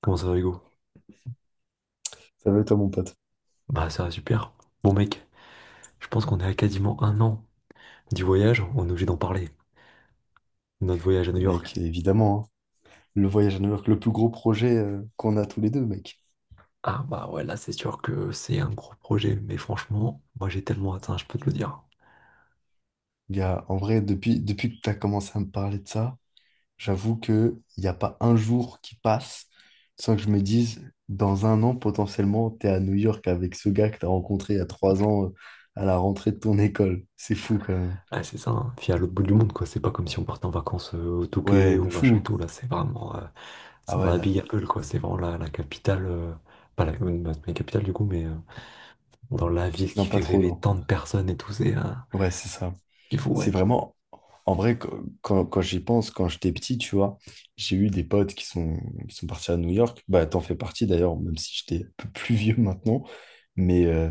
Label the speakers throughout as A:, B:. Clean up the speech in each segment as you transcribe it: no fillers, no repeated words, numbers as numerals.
A: Comment ça va, Hugo?
B: Ça va être à mon pote?
A: Bah, ça va super. Bon, mec, je pense qu'on est à quasiment un an du voyage, on est obligé d'en parler. Notre voyage à New York.
B: Mec, évidemment, hein. Le voyage à New York, le plus gros projet qu'on a tous les deux, mec.
A: Ah, bah ouais, là, c'est sûr que c'est un gros projet, mais franchement, moi, j'ai tellement atteint, je peux te le dire.
B: Gars, en vrai, depuis que tu as commencé à me parler de ça, j'avoue qu'il n'y a pas un jour qui passe sans que je me dise, dans un an, potentiellement, tu es à New York avec ce gars que tu as rencontré il y a 3 ans à la rentrée de ton école. C'est fou, quand même.
A: Ah, c'est ça, hein. Puis à l'autre bout du monde, quoi. C'est pas comme si on partait en vacances au Touquet
B: Ouais,
A: ou
B: de
A: machin et
B: fou.
A: tout, là, c'est vraiment. C'est
B: Ah
A: dans
B: ouais,
A: la
B: là.
A: Big Apple, quoi. C'est vraiment la capitale. Pas la, bah, C'est pas la capitale, du coup, mais dans la ville qui
B: Non,
A: fait
B: pas trop,
A: rêver
B: non.
A: tant de personnes et tout,
B: Ouais, c'est ça.
A: c'est fou,
B: C'est
A: ouais.
B: vraiment, en vrai, quand j'y pense, quand j'étais petit, tu vois, j'ai eu des potes qui sont partis à New York. Bah, t'en fais partie d'ailleurs, même si j'étais un peu plus vieux maintenant. Mais euh,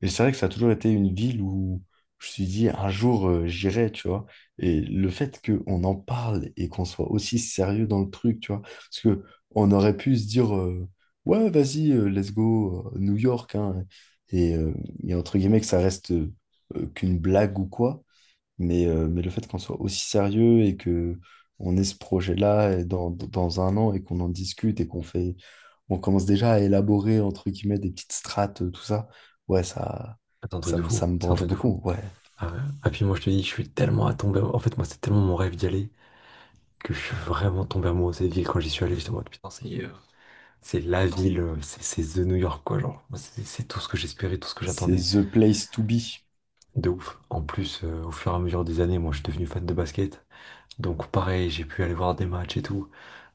B: et c'est vrai que ça a toujours été une ville où je me suis dit, un jour, j'irai, tu vois. Et le fait qu'on en parle et qu'on soit aussi sérieux dans le truc, tu vois, parce que on aurait pu se dire, ouais, vas-y, let's go, New York, hein. Et, euh, et entre guillemets, que ça reste qu'une blague ou quoi. Mais le fait qu'on soit aussi sérieux et que on ait ce projet-là et dans un an et qu'on en discute et qu'on fait, on commence déjà à élaborer, entre guillemets, des petites strates, tout ça, ouais, ça,
A: C'est un truc de fou,
B: ça me
A: c'est un
B: branche
A: truc de fou.
B: beaucoup. Ouais,
A: Ah, ouais. Puis moi je te dis, je suis tellement tombé. En fait, moi c'est tellement mon rêve d'y aller que je suis vraiment tombé amoureux de cette ville quand j'y suis allé. J'étais en mode putain, c'est la ville, c'est The New York quoi. Genre, moi, c'est tout ce que j'espérais, tout ce que
B: c'est
A: j'attendais.
B: the place to be.
A: De ouf. En plus, au fur et à mesure des années, moi je suis devenu fan de basket. Donc pareil, j'ai pu aller voir des matchs et tout.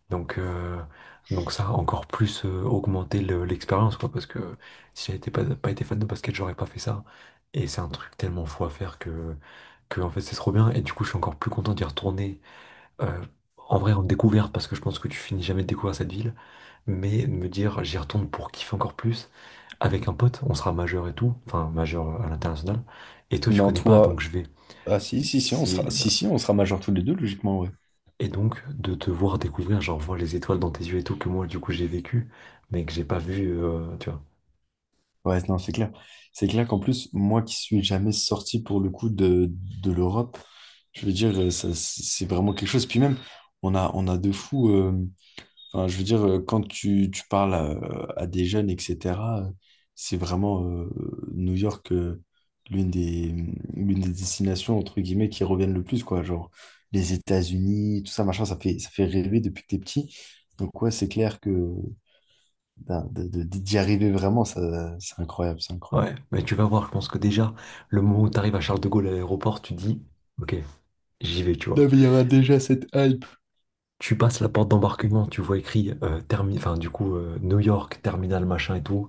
A: Donc, euh, donc ça a encore plus augmenté l'expérience, quoi, parce que si j'avais été pas, pas été fan de basket, j'aurais pas fait ça. Et c'est un truc tellement fou à faire que en fait, c'est trop bien. Et du coup, je suis encore plus content d'y retourner. euh, En vrai, en découverte, parce que je pense que tu finis jamais de découvrir cette ville, mais de me dire, j'y retourne pour kiffer encore plus. Avec un pote, on sera majeur et tout, enfin majeur à l'international. Et toi, tu
B: Non,
A: connais pas,
B: toi,
A: donc je vais.
B: ah si, si, si,
A: Si,
B: si, si, on sera majeur tous les deux, logiquement, ouais.
A: et donc, de te voir découvrir, genre, voir les étoiles dans tes yeux et tout, que moi, du coup, j'ai vécu, mais que j'ai pas vu, tu vois.
B: Ouais, non, c'est clair. C'est clair qu'en plus, moi qui suis jamais sorti pour le coup de l'Europe, je veux dire, ça, c'est vraiment quelque chose. Puis même, on a de fous. Enfin, je veux dire, quand tu parles à des jeunes, etc., euh, c'est vraiment New York, l'une des, l'une des destinations, entre guillemets, qui reviennent le plus, quoi. Genre, les États-Unis, tout ça, machin, ça fait rêver depuis que t'es petit. Donc, ouais, c'est clair que ben, d'y arriver vraiment, ça, c'est incroyable, c'est incroyable.
A: Ouais, mais tu vas voir, je pense que déjà, le moment où t'arrives à Charles de Gaulle à l'aéroport, tu dis, ok, j'y vais, tu
B: Non,
A: vois.
B: mais il y aura déjà cette hype.
A: Tu passes la porte d'embarquement, tu vois écrit, New York, terminal, machin et tout.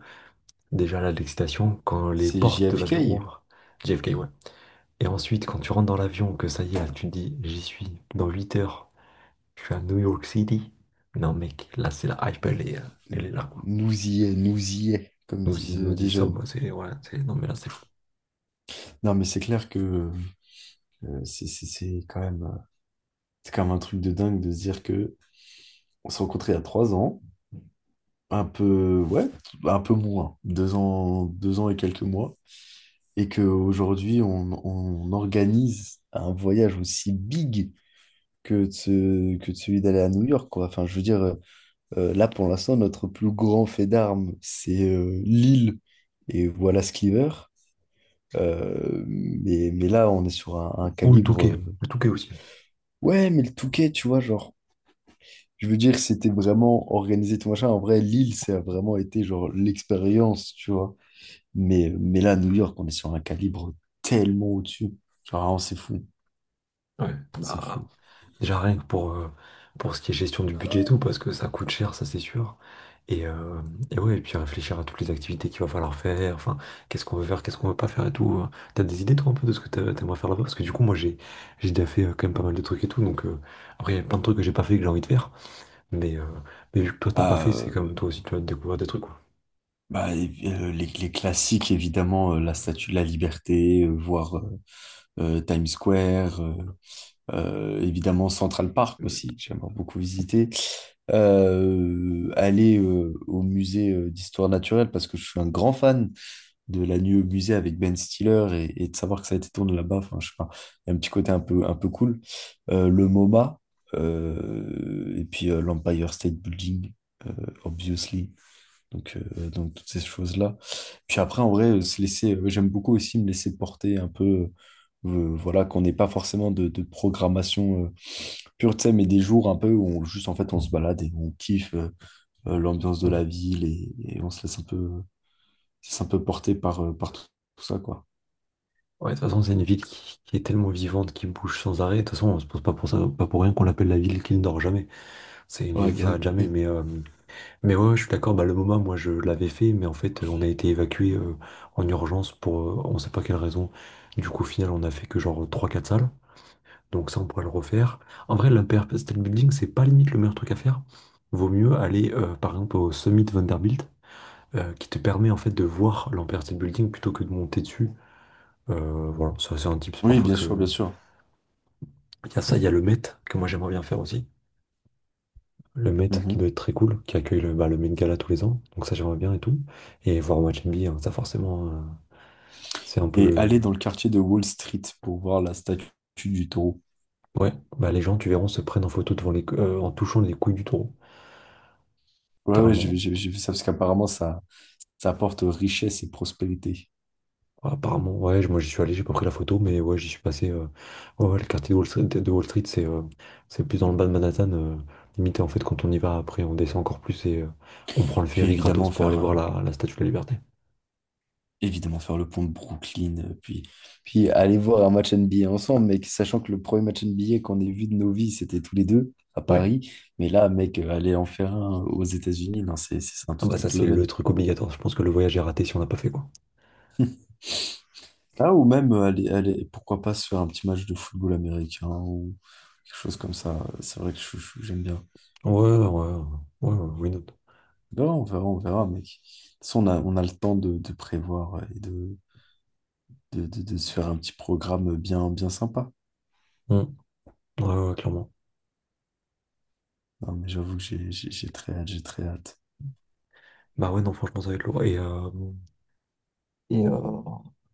A: Déjà, là, de l'excitation, quand les
B: C'est
A: portes de l'avion
B: JFK.
A: ouvrent, JFK, ouais. Et ensuite, quand tu rentres dans l'avion, que ça y est, là, tu te dis, j'y suis, dans 8 heures, je suis à New York City. Non, mec, là, c'est la hype, elle est là, quoi.
B: Nous y est, comme disent
A: Nous y
B: les jeunes.
A: sommes, non mais là c'est fou.
B: Non, mais c'est clair que Euh, C'est c'est- c'est quand même, euh, c'est quand même un truc de dingue de se dire que on s'est rencontrés il y a 3 ans, un peu, ouais, un peu moins, 2 ans, 2 ans et quelques mois, et qu'aujourd'hui on organise un voyage aussi big que que de celui d'aller à New York, quoi. Enfin, je veux dire, là pour l'instant, notre plus grand fait d'armes, c'est Lille et Wallace Cleaver. Mais là, on est sur un
A: Ou
B: calibre. euh,
A: Le Touquet aussi.
B: ouais, mais le Touquet, tu vois, genre. Je veux dire, c'était vraiment organisé tout machin. En vrai, Lille, ça a vraiment été genre l'expérience, tu vois. Mais là, New York, on est sur un calibre tellement au-dessus. Genre, vraiment, c'est fou,
A: Ouais,
B: c'est
A: bah
B: fou.
A: déjà rien que pour ce qui est gestion du budget et tout, parce que ça coûte cher, ça c'est sûr. Et, euh, et puis réfléchir à toutes les activités qu'il va falloir faire, enfin, qu'est-ce qu'on veut faire, qu'est-ce qu'on veut pas faire et tout, hein. T'as des idées toi un peu de ce que t'aimerais faire là-bas? Parce que du coup moi j'ai déjà fait quand même pas mal de trucs et tout, donc après il y a plein de trucs que j'ai pas fait que j'ai envie de faire, mais, euh, mais vu que toi t'as pas
B: Bah,
A: fait, c'est comme toi aussi tu vas découvrir des trucs.
B: bah, et puis, les classiques, évidemment, la Statue de la Liberté, voir Times Square, évidemment Central Park aussi, que j'aimerais beaucoup visiter. Aller au musée d'histoire naturelle parce que je suis un grand fan de la nuit au musée avec Ben Stiller et de savoir que ça a été tourné là-bas. Enfin, je sais pas, il y a un petit côté un peu cool. Le MoMA et puis l'Empire State Building, euh, obviously. Donc toutes ces choses-là. Puis après, en vrai, j'aime beaucoup aussi me laisser porter un peu, voilà, qu'on n'ait pas forcément de programmation pure, tu sais, mais des jours un peu où on, juste, en fait, on se balade et on kiffe l'ambiance de la ville et on se laisse un peu porter par tout ça, quoi.
A: Ouais, de toute façon, c'est une ville qui est tellement vivante, qui bouge sans arrêt. De toute façon, on se pose pas pour ça, pas pour rien qu'on l'appelle la ville qui ne dort jamais. C'est une
B: Ouais,
A: ville qui
B: bah
A: s'arrête jamais.
B: oui.
A: Mais ouais, ouais, je suis d'accord. Bah, le MoMA, moi, je l'avais fait, mais en fait, on a été évacué en urgence pour on sait pas quelle raison. Du coup, au final, on a fait que genre trois quatre salles. Donc, ça, on pourrait le refaire. En vrai, la PRP State Building, c'est pas limite le meilleur truc à faire. Vaut mieux aller, par exemple, au Summit Vanderbilt, qui te permet en fait de voir l'Empire State Building plutôt que de monter dessus. Voilà, ça c'est un tips
B: Oui,
A: parfois
B: bien sûr,
A: que,
B: bien sûr.
A: il y a ça, il y a le Met que moi j'aimerais bien faire aussi. Le Met qui
B: Mhm.
A: doit être très cool, qui accueille le Met Gala tous les ans. Donc ça j'aimerais bien et tout. Et voir un match NBA, hein. Ça forcément, c'est un peu
B: Et
A: le...
B: aller dans le quartier de Wall Street pour voir la statue du taureau.
A: Ouais, bah, les gens, tu verras, se prennent en photo devant en touchant les couilles du taureau,
B: Ouais, ouais,
A: littéralement.
B: j'ai vu ça parce qu'apparemment, ça apporte richesse et prospérité.
A: Apparemment, ouais, moi j'y suis allé, j'ai pas pris la photo, mais ouais, j'y suis passé. Ouais, ouais, le quartier de Wall Street, c'est plus dans le bas de Manhattan. Limité, en fait, quand on y va, après, on descend encore plus et on prend le
B: Puis
A: ferry
B: évidemment,
A: gratos pour aller voir la Statue de la Liberté.
B: faire le pont de Brooklyn. Puis aller voir un match NBA ensemble, mec, sachant que le premier match NBA qu'on ait vu de nos vies, c'était tous les deux à
A: Ouais.
B: Paris. Mais là, mec, aller en faire un aux États-Unis, non, c'est un
A: Ah bah
B: tout
A: ça
B: autre
A: c'est le
B: level.
A: truc obligatoire. Je pense que le voyage est raté si on n'a pas fait quoi.
B: Ah, ou même, pourquoi pas se faire un petit match de football américain ou quelque chose comme ça. C'est vrai que j'aime bien.
A: Ouais, ouais, ouais, ouais, ouais, why not.
B: On verra, on verra, on verra, mec. De toute façon, on a le temps de prévoir et de se faire un petit programme bien, bien sympa.
A: Hmm. Ouais, ouais, clairement.
B: Non, mais j'avoue que j'ai très hâte, j'ai très hâte.
A: Bah ouais, non, franchement, ça va être lourd. Et euh,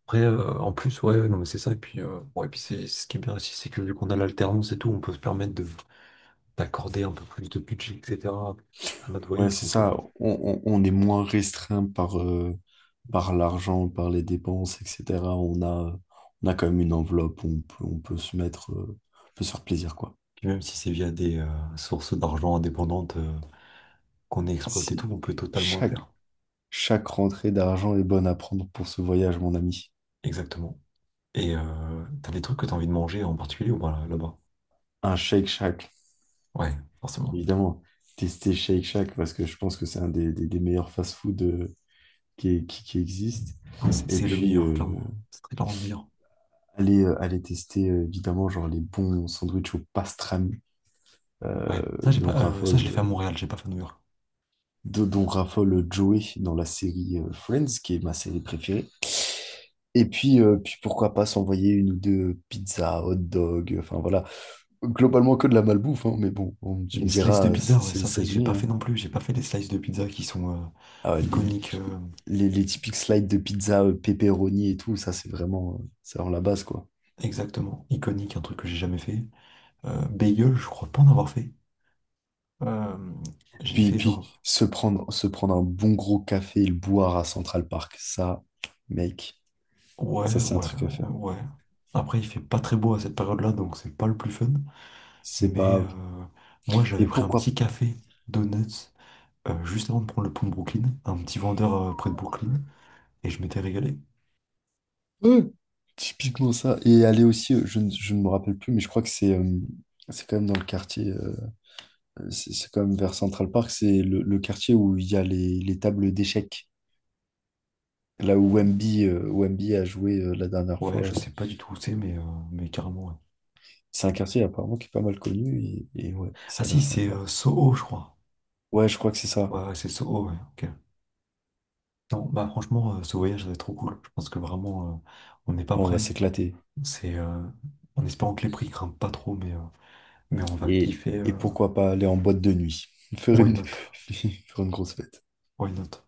A: En plus, ouais, ouais, non, mais c'est ça. Et puis c'est ce qui est bien aussi, c'est que vu qu'on a l'alternance et tout, on peut se permettre de d'accorder un peu plus de budget, etc. à notre
B: Ouais,
A: voyage.
B: c'est ça. On est moins restreint par l'argent, par les dépenses, etc. On a quand même une enveloppe où on peut se mettre, on peut se faire plaisir, quoi.
A: Puis même si c'est via des sources d'argent indépendantes qu'on exploite et
B: Si
A: tout, on peut totalement le
B: chaque,
A: faire.
B: Chaque rentrée d'argent est bonne à prendre pour ce voyage, mon ami.
A: Exactement. Et t'as des trucs que t'as envie de manger en particulier ou pas là-bas?
B: Un Shake Shack,
A: Ouais, forcément.
B: évidemment. Tester Shake Shack parce que je pense que c'est un des meilleurs fast-food qui existe.
A: Ah, C'est
B: Et
A: c'est le
B: puis,
A: meilleur, clairement. C'est très clairement le meilleur.
B: aller tester, évidemment, genre les bons sandwichs au pastrami euh,
A: Ouais. Ça, j'ai
B: dont
A: pas, ça, je
B: raffole,
A: l'ai fait à
B: euh,
A: Montréal, j'ai pas fait à New York.
B: dont raffole Joey dans la série Friends, qui est ma série préférée. Puis pourquoi pas s'envoyer une ou deux pizzas, hot dog, enfin voilà. Globalement que de la malbouffe, hein, mais bon, tu
A: Les
B: me
A: slices de
B: diras,
A: pizza,
B: c'est
A: ouais,
B: c'est
A: ça,
B: les
A: c'est vrai que j'ai
B: États-Unis,
A: pas fait
B: hein.
A: non plus. J'ai pas fait les slices de pizza qui sont
B: Ah ouais,
A: iconiques.
B: les typiques slides de pizza, pepperoni et tout, ça c'est vraiment la base, quoi.
A: Exactement, iconiques, un truc que j'ai jamais fait. Bagel, je crois pas en avoir fait. Euh, j'ai
B: Puis,
A: fait
B: puis
A: genre.
B: se prendre un bon gros café et le boire à Central Park, ça, mec,
A: Ouais,
B: ça c'est un
A: ouais,
B: truc à faire.
A: ouais. Après, il fait pas très beau à cette période-là, donc c'est pas le plus fun.
B: C'est
A: Mais
B: pas grave.
A: euh, Moi,
B: Et
A: j'avais pris un
B: pourquoi
A: petit café, donuts, juste avant de prendre le pont de Brooklyn, un petit vendeur près de Brooklyn. Et je m'étais régalé.
B: peu, typiquement ça. Et aller aussi, je ne me rappelle plus, mais je crois que c'est quand même dans le quartier, c'est quand même vers Central Park, c'est le quartier où il y a les tables d'échecs. Là où Wemby a joué la dernière
A: Ouais, je
B: fois,
A: sais pas du tout où c'est, mais carrément, ouais.
B: c'est un quartier apparemment qui est pas mal connu et ouais,
A: Ah
B: ça a
A: si,
B: l'air
A: c'est
B: sympa.
A: euh, Soho, je crois.
B: Ouais, je crois que c'est ça.
A: Ouais, ouais, c'est Soho, ouais, ok. Non, bah franchement, ce voyage, ça va être trop cool. Je pense que vraiment, on n'est pas
B: Bon, on va
A: prêt.
B: s'éclater.
A: C'est en espérant que les prix grimpent pas trop, mais on va
B: Et,
A: kiffer.
B: et pourquoi pas aller en boîte de nuit, faire
A: Why
B: une,
A: not?
B: faire une grosse fête.
A: Why not?